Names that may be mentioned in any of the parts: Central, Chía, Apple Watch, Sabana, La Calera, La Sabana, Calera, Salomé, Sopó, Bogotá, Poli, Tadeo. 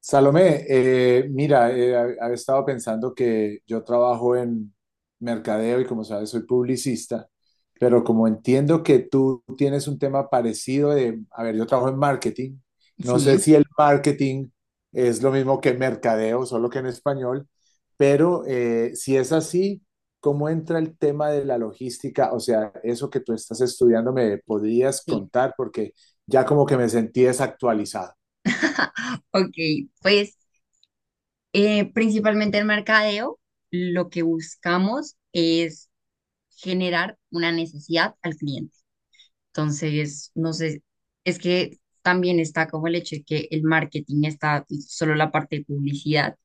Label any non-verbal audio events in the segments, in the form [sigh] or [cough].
Salomé, mira, había estado pensando que yo trabajo en mercadeo y como sabes soy publicista, pero como entiendo que tú tienes un tema parecido de, a ver, yo trabajo en marketing, no Sí, sé si el marketing es lo mismo que mercadeo, solo que en español, pero si es así, ¿cómo entra el tema de la logística? O sea, eso que tú estás estudiando, ¿me podrías sí. contar? Porque ya como que me sentí desactualizado. [laughs] Ok, pues principalmente el mercadeo, lo que buscamos es generar una necesidad al cliente. Entonces, no sé, es que también está como el hecho de que el marketing está solo la parte de publicidad,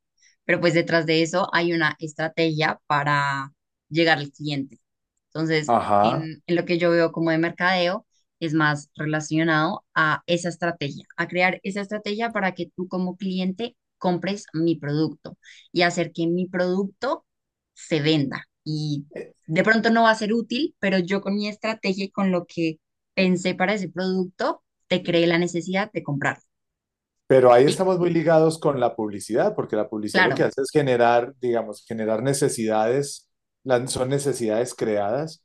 pero pues detrás de eso hay una estrategia para llegar al cliente. Entonces, Ajá. en lo que yo veo como de mercadeo, es más relacionado a esa estrategia, a crear esa estrategia para que tú como cliente compres mi producto y hacer que mi producto se venda. Y de pronto no va a ser útil, pero yo con mi estrategia y con lo que pensé para ese producto, te creé la necesidad de comprarlo. Pero ahí ¿Sí? estamos muy ligados con la publicidad, porque la publicidad lo que Claro, hace es generar, digamos, generar necesidades, son necesidades creadas,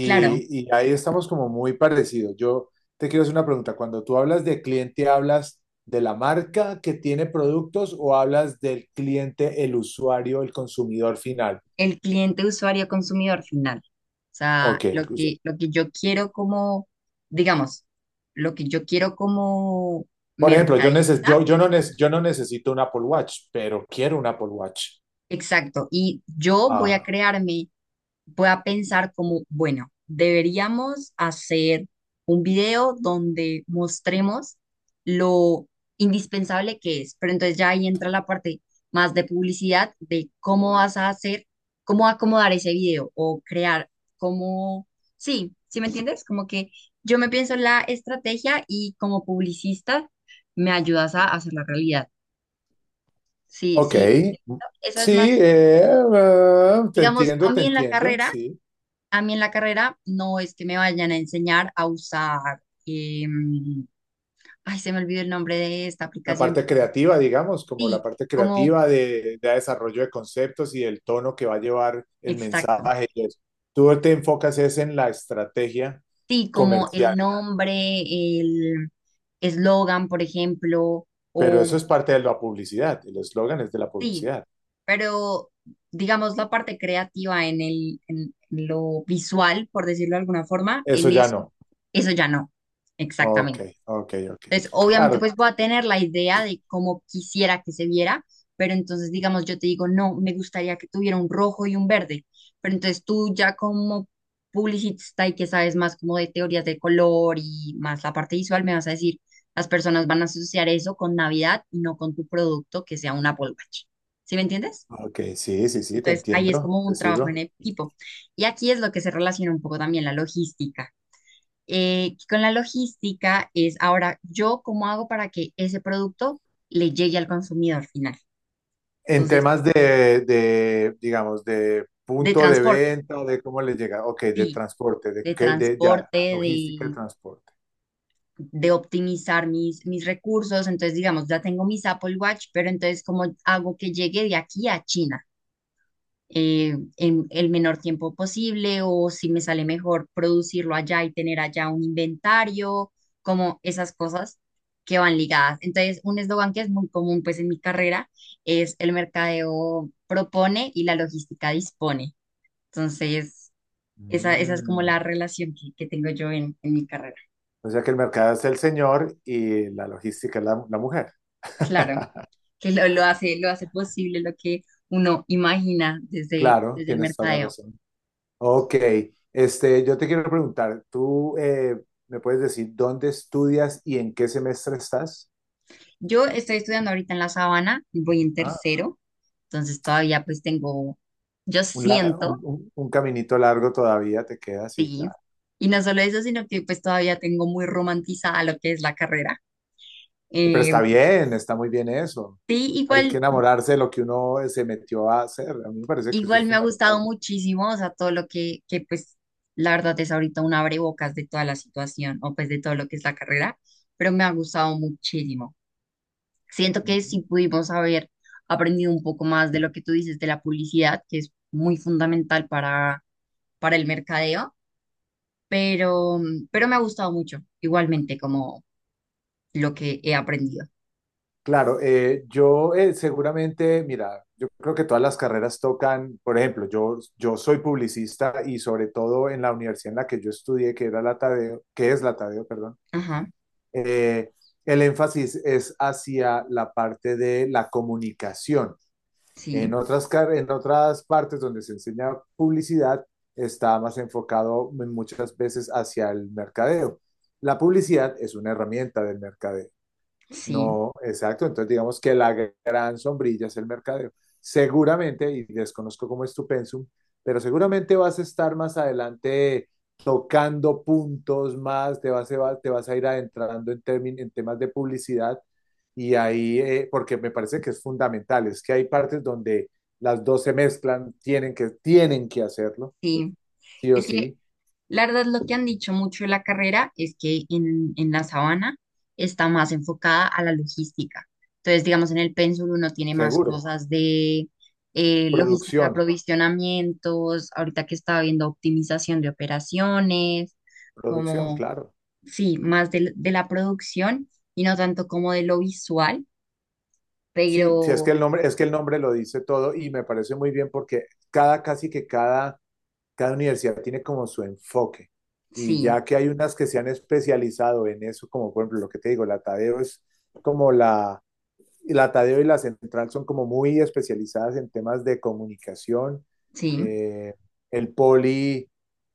claro. y ahí estamos como muy parecidos. Yo te quiero hacer una pregunta, cuando tú hablas de cliente, ¿hablas de la marca que tiene productos o hablas del cliente, el usuario, el consumidor final? El cliente, usuario, consumidor final. O sea, Ok, el lo que, usuario. lo que yo quiero como, digamos, lo que yo quiero como Por ejemplo, yo, neces- mercadista, yo, no, yo no necesito un Apple Watch, pero quiero un Apple Watch. exacto. Y yo voy a Ah, crearme pueda pensar como, bueno, deberíamos hacer un video donde mostremos lo indispensable que es, pero entonces ya ahí entra la parte más de publicidad, de cómo vas a hacer, cómo acomodar ese video o crear, cómo, sí, ¿sí me entiendes? Como que yo me pienso la estrategia y como publicista me ayudas a hacer la realidad. Sí, ok. sí, esa es Sí, más, ah, digamos, a te mí en la entiendo, carrera. sí. A mí en la carrera no es que me vayan a enseñar a usar, ay, se me olvidó el nombre de esta La aplicación parte que no, creativa, digamos, como la sí, parte como, creativa de desarrollo de conceptos y el tono que va a llevar el exacto, mensaje y eso. Tú te enfocas es en la estrategia sí, como el comercial, nombre, el eslogan, por ejemplo, pero o eso es parte de la publicidad, el eslogan es de la sí, publicidad. pero digamos la parte creativa en el, en lo visual, por decirlo de alguna forma, Eso en ya eso, no. eso ya no, Ok, exactamente. ok, ok. Entonces, obviamente, Claro, pues voy a tener la idea de cómo quisiera que se viera, pero entonces, digamos, yo te digo, no, me gustaría que tuviera un rojo y un verde, pero entonces tú ya como publicista y que sabes más como de teorías de color y más la parte visual, me vas a decir, las personas van a asociar eso con Navidad y no con tu producto que sea un Apple Watch. ¿Sí me entiendes? ok, sí, sí, sí, te Entonces, ahí es entiendo, como te un trabajo sigo. en equipo. Y aquí es lo que se relaciona un poco también la logística, con la logística es ahora yo cómo hago para que ese producto le llegue al consumidor final. En Entonces, temas de, digamos, de de punto de transporte, venta, de cómo les llega, ok, de sí, transporte, de de qué, de ya, transporte, logística de transporte. de optimizar mis recursos. Entonces, digamos, ya tengo mis Apple Watch, pero entonces, ¿cómo hago que llegue de aquí a China? En el menor tiempo posible, o si me sale mejor producirlo allá y tener allá un inventario, como esas cosas que van ligadas. Entonces, un eslogan que es muy común pues en mi carrera es el mercadeo propone y la logística dispone. Entonces, esa es como Mm. la relación que tengo yo en mi carrera. O sea que el mercado es el señor y la logística es la, la mujer. Claro, [laughs] que lo hace posible lo que uno imagina desde, Claro, desde el tienes toda la mercadeo. razón. Ok, este, yo te quiero preguntar, ¿tú me puedes decir dónde estudias y en qué semestre estás? Yo estoy estudiando ahorita en La Sabana, voy en Ah, tercero, entonces todavía pues tengo, yo un, la- siento, un caminito largo todavía te queda, sí, sí, claro. y no solo eso, sino que pues todavía tengo muy romantizada lo que es la carrera. Pero Eh, está bien, está muy bien eso. sí, Hay que igual, enamorarse de lo que uno se metió a hacer. A mí me parece que eso igual es me ha gustado fundamental. muchísimo, o sea, todo lo que pues la verdad es ahorita un abrebocas de toda la situación o pues de todo lo que es la carrera, pero me ha gustado muchísimo. Siento que sí Mm. pudimos haber aprendido un poco más de lo que tú dices de la publicidad, que es muy fundamental para el mercadeo, pero, pero me ha gustado mucho, igualmente como lo que he aprendido. Claro, yo seguramente, mira, yo creo que todas las carreras tocan, por ejemplo, yo soy publicista y sobre todo en la universidad en la que yo estudié, que era la Tadeo, que es la Tadeo, perdón, Ajá, eh, el énfasis es hacia la parte de la comunicación. En sí, en otras partes donde se enseña publicidad, está más enfocado en muchas veces hacia el mercadeo. La publicidad es una herramienta del mercadeo. sí, No, exacto. Entonces, digamos que la gran sombrilla es el mercadeo. Seguramente, y desconozco cómo es tu pensum, pero seguramente vas a estar más adelante tocando puntos más, te vas a ir adentrando en, en temas de publicidad y ahí, porque me parece que es fundamental, es que hay partes donde las dos se mezclan, tienen que hacerlo, sí. sí o Es que sí, la verdad lo que han dicho mucho de la carrera es que en la sabana está más enfocada a la logística. Entonces, digamos, en el pénsul uno tiene más seguro. cosas de logística de Producción, aprovisionamientos, ahorita que estaba viendo optimización de operaciones, producción, como claro. sí, más del- de, la producción y no tanto como de lo visual, Sí, sí, es que pero el nombre, es que el nombre lo dice todo y me parece muy bien porque cada, casi que cada, cada universidad tiene como su enfoque. Y sí, ya que hay unas que se han especializado en eso, como por ejemplo lo que te digo, la Tadeo es como la Tadeo y la Central son como muy especializadas en temas de comunicación. sí, Eh, el Poli,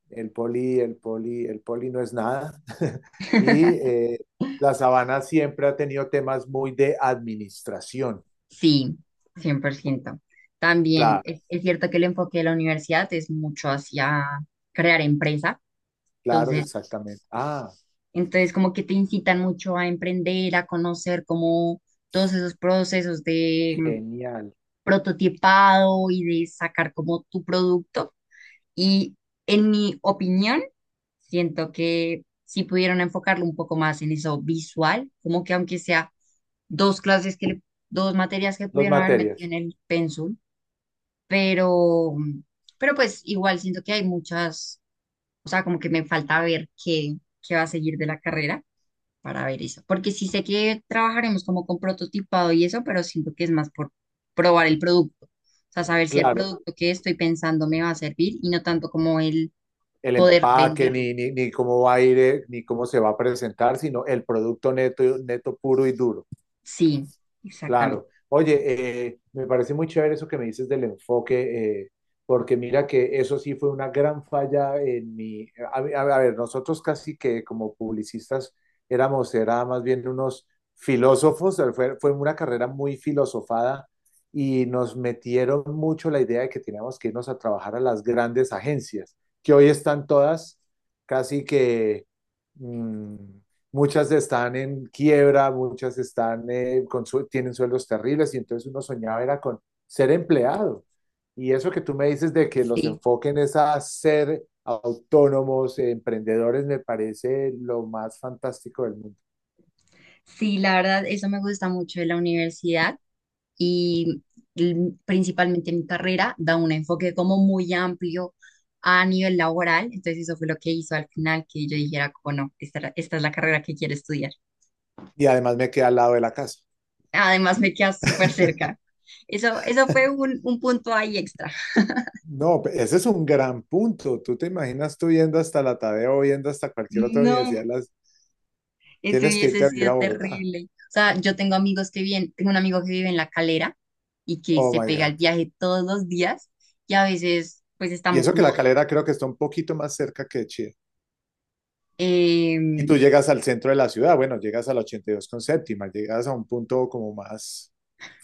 el Poli no es nada. [laughs] Y [laughs] la Sabana siempre ha tenido temas muy de administración. sí, 100%. También Claro, es cierto que el enfoque de la universidad es mucho hacia crear empresa, claro, entonces, exactamente. Ah, entonces como que te incitan mucho a emprender, a conocer como todos esos procesos de genial. prototipado y de sacar como tu producto. Y en mi opinión, siento que si pudieron enfocarlo un poco más en eso visual, como que aunque sea dos clases que le- dos materias que Dos pudieron haber metido materias. en el pensum, pero pero pues igual siento que hay muchas, o sea, como que me falta ver qué qué va a seguir de la carrera para ver eso, porque sí sé que trabajaremos como con prototipado y eso, pero siento que es más por probar el producto. O sea, saber si el Claro, producto que estoy pensando me va a servir y no tanto como el, el poder empaque, venderlo. ni, ni, ni cómo va a ir, ni cómo se va a presentar, sino el producto neto, neto puro y duro. Sí, exactamente. Claro. Oye, me parece muy chévere eso que me dices del enfoque, porque mira que eso sí fue una gran falla en mi... a ver, nosotros casi que como publicistas éramos, era más bien unos filósofos, fue una carrera muy filosofada y nos metieron mucho la idea de que teníamos que irnos a trabajar a las grandes agencias, que hoy están todas casi que... mm, muchas están en quiebra, muchas están, tienen sueldos terribles y entonces uno soñaba era con ser empleado. Y eso que tú me dices de que los Sí. enfoquen es a ser autónomos, emprendedores, me parece lo más fantástico del mundo. Sí, la verdad, eso me gusta mucho de la universidad y principalmente mi carrera da un enfoque como muy amplio a nivel laboral. Entonces eso fue lo que hizo al final que yo dijera, como no, esta, esta es la carrera que quiero estudiar. Y además me queda al lado de la casa. Además me queda súper cerca. Eso fue un punto ahí extra. No, ese es un gran punto. Tú te imaginas tú yendo hasta la Tadeo, yendo hasta cualquier otra No. universidad, las, Eso tienes que irte hubiese a vivir sido a Bogotá. terrible. O sea, yo tengo amigos que viven, tengo un amigo que vive en La Calera y que Oh se my pega God. el viaje todos los días y a veces pues Y estamos eso que la como, Calera creo que está un poquito más cerca que Chía. Y tú em, llegas al centro de la ciudad, bueno, llegas a la 82 con séptima, llegas a un punto como más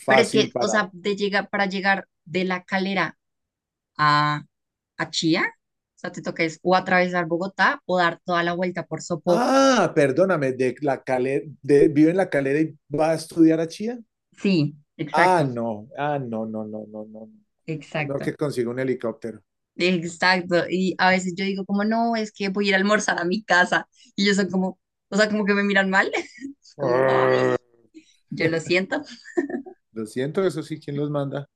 pero es que, fácil o para... sea, de llegar, para llegar de La Calera a, a Chía, o sea, te toca es o atravesar Bogotá o dar toda la vuelta por Sopó. Ah, perdóname, de la calera, vive en la calera y va a estudiar a Chía. Sí, Ah, exacto, no, ah, no, no, no, no, no, no, no exacto. que consiga un helicóptero. Exacto, y a veces yo digo como, no, es que voy a ir a almorzar a mi casa, y ellos son como, o sea, como que me miran mal, [laughs] es como, ay, Ah. yo lo [laughs] siento. [laughs] Lo siento, eso sí, ¿quién los manda?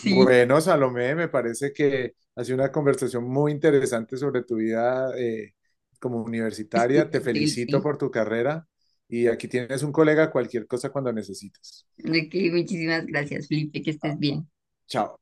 Sí, Bueno, Salomé, me parece que ha sido una conversación muy interesante sobre tu vida como universitaria. Te estudiantil, felicito sí. por tu carrera y aquí tienes un colega cualquier cosa cuando necesites. Ok, muchísimas gracias, Felipe, que Ah. estés bien. Chao.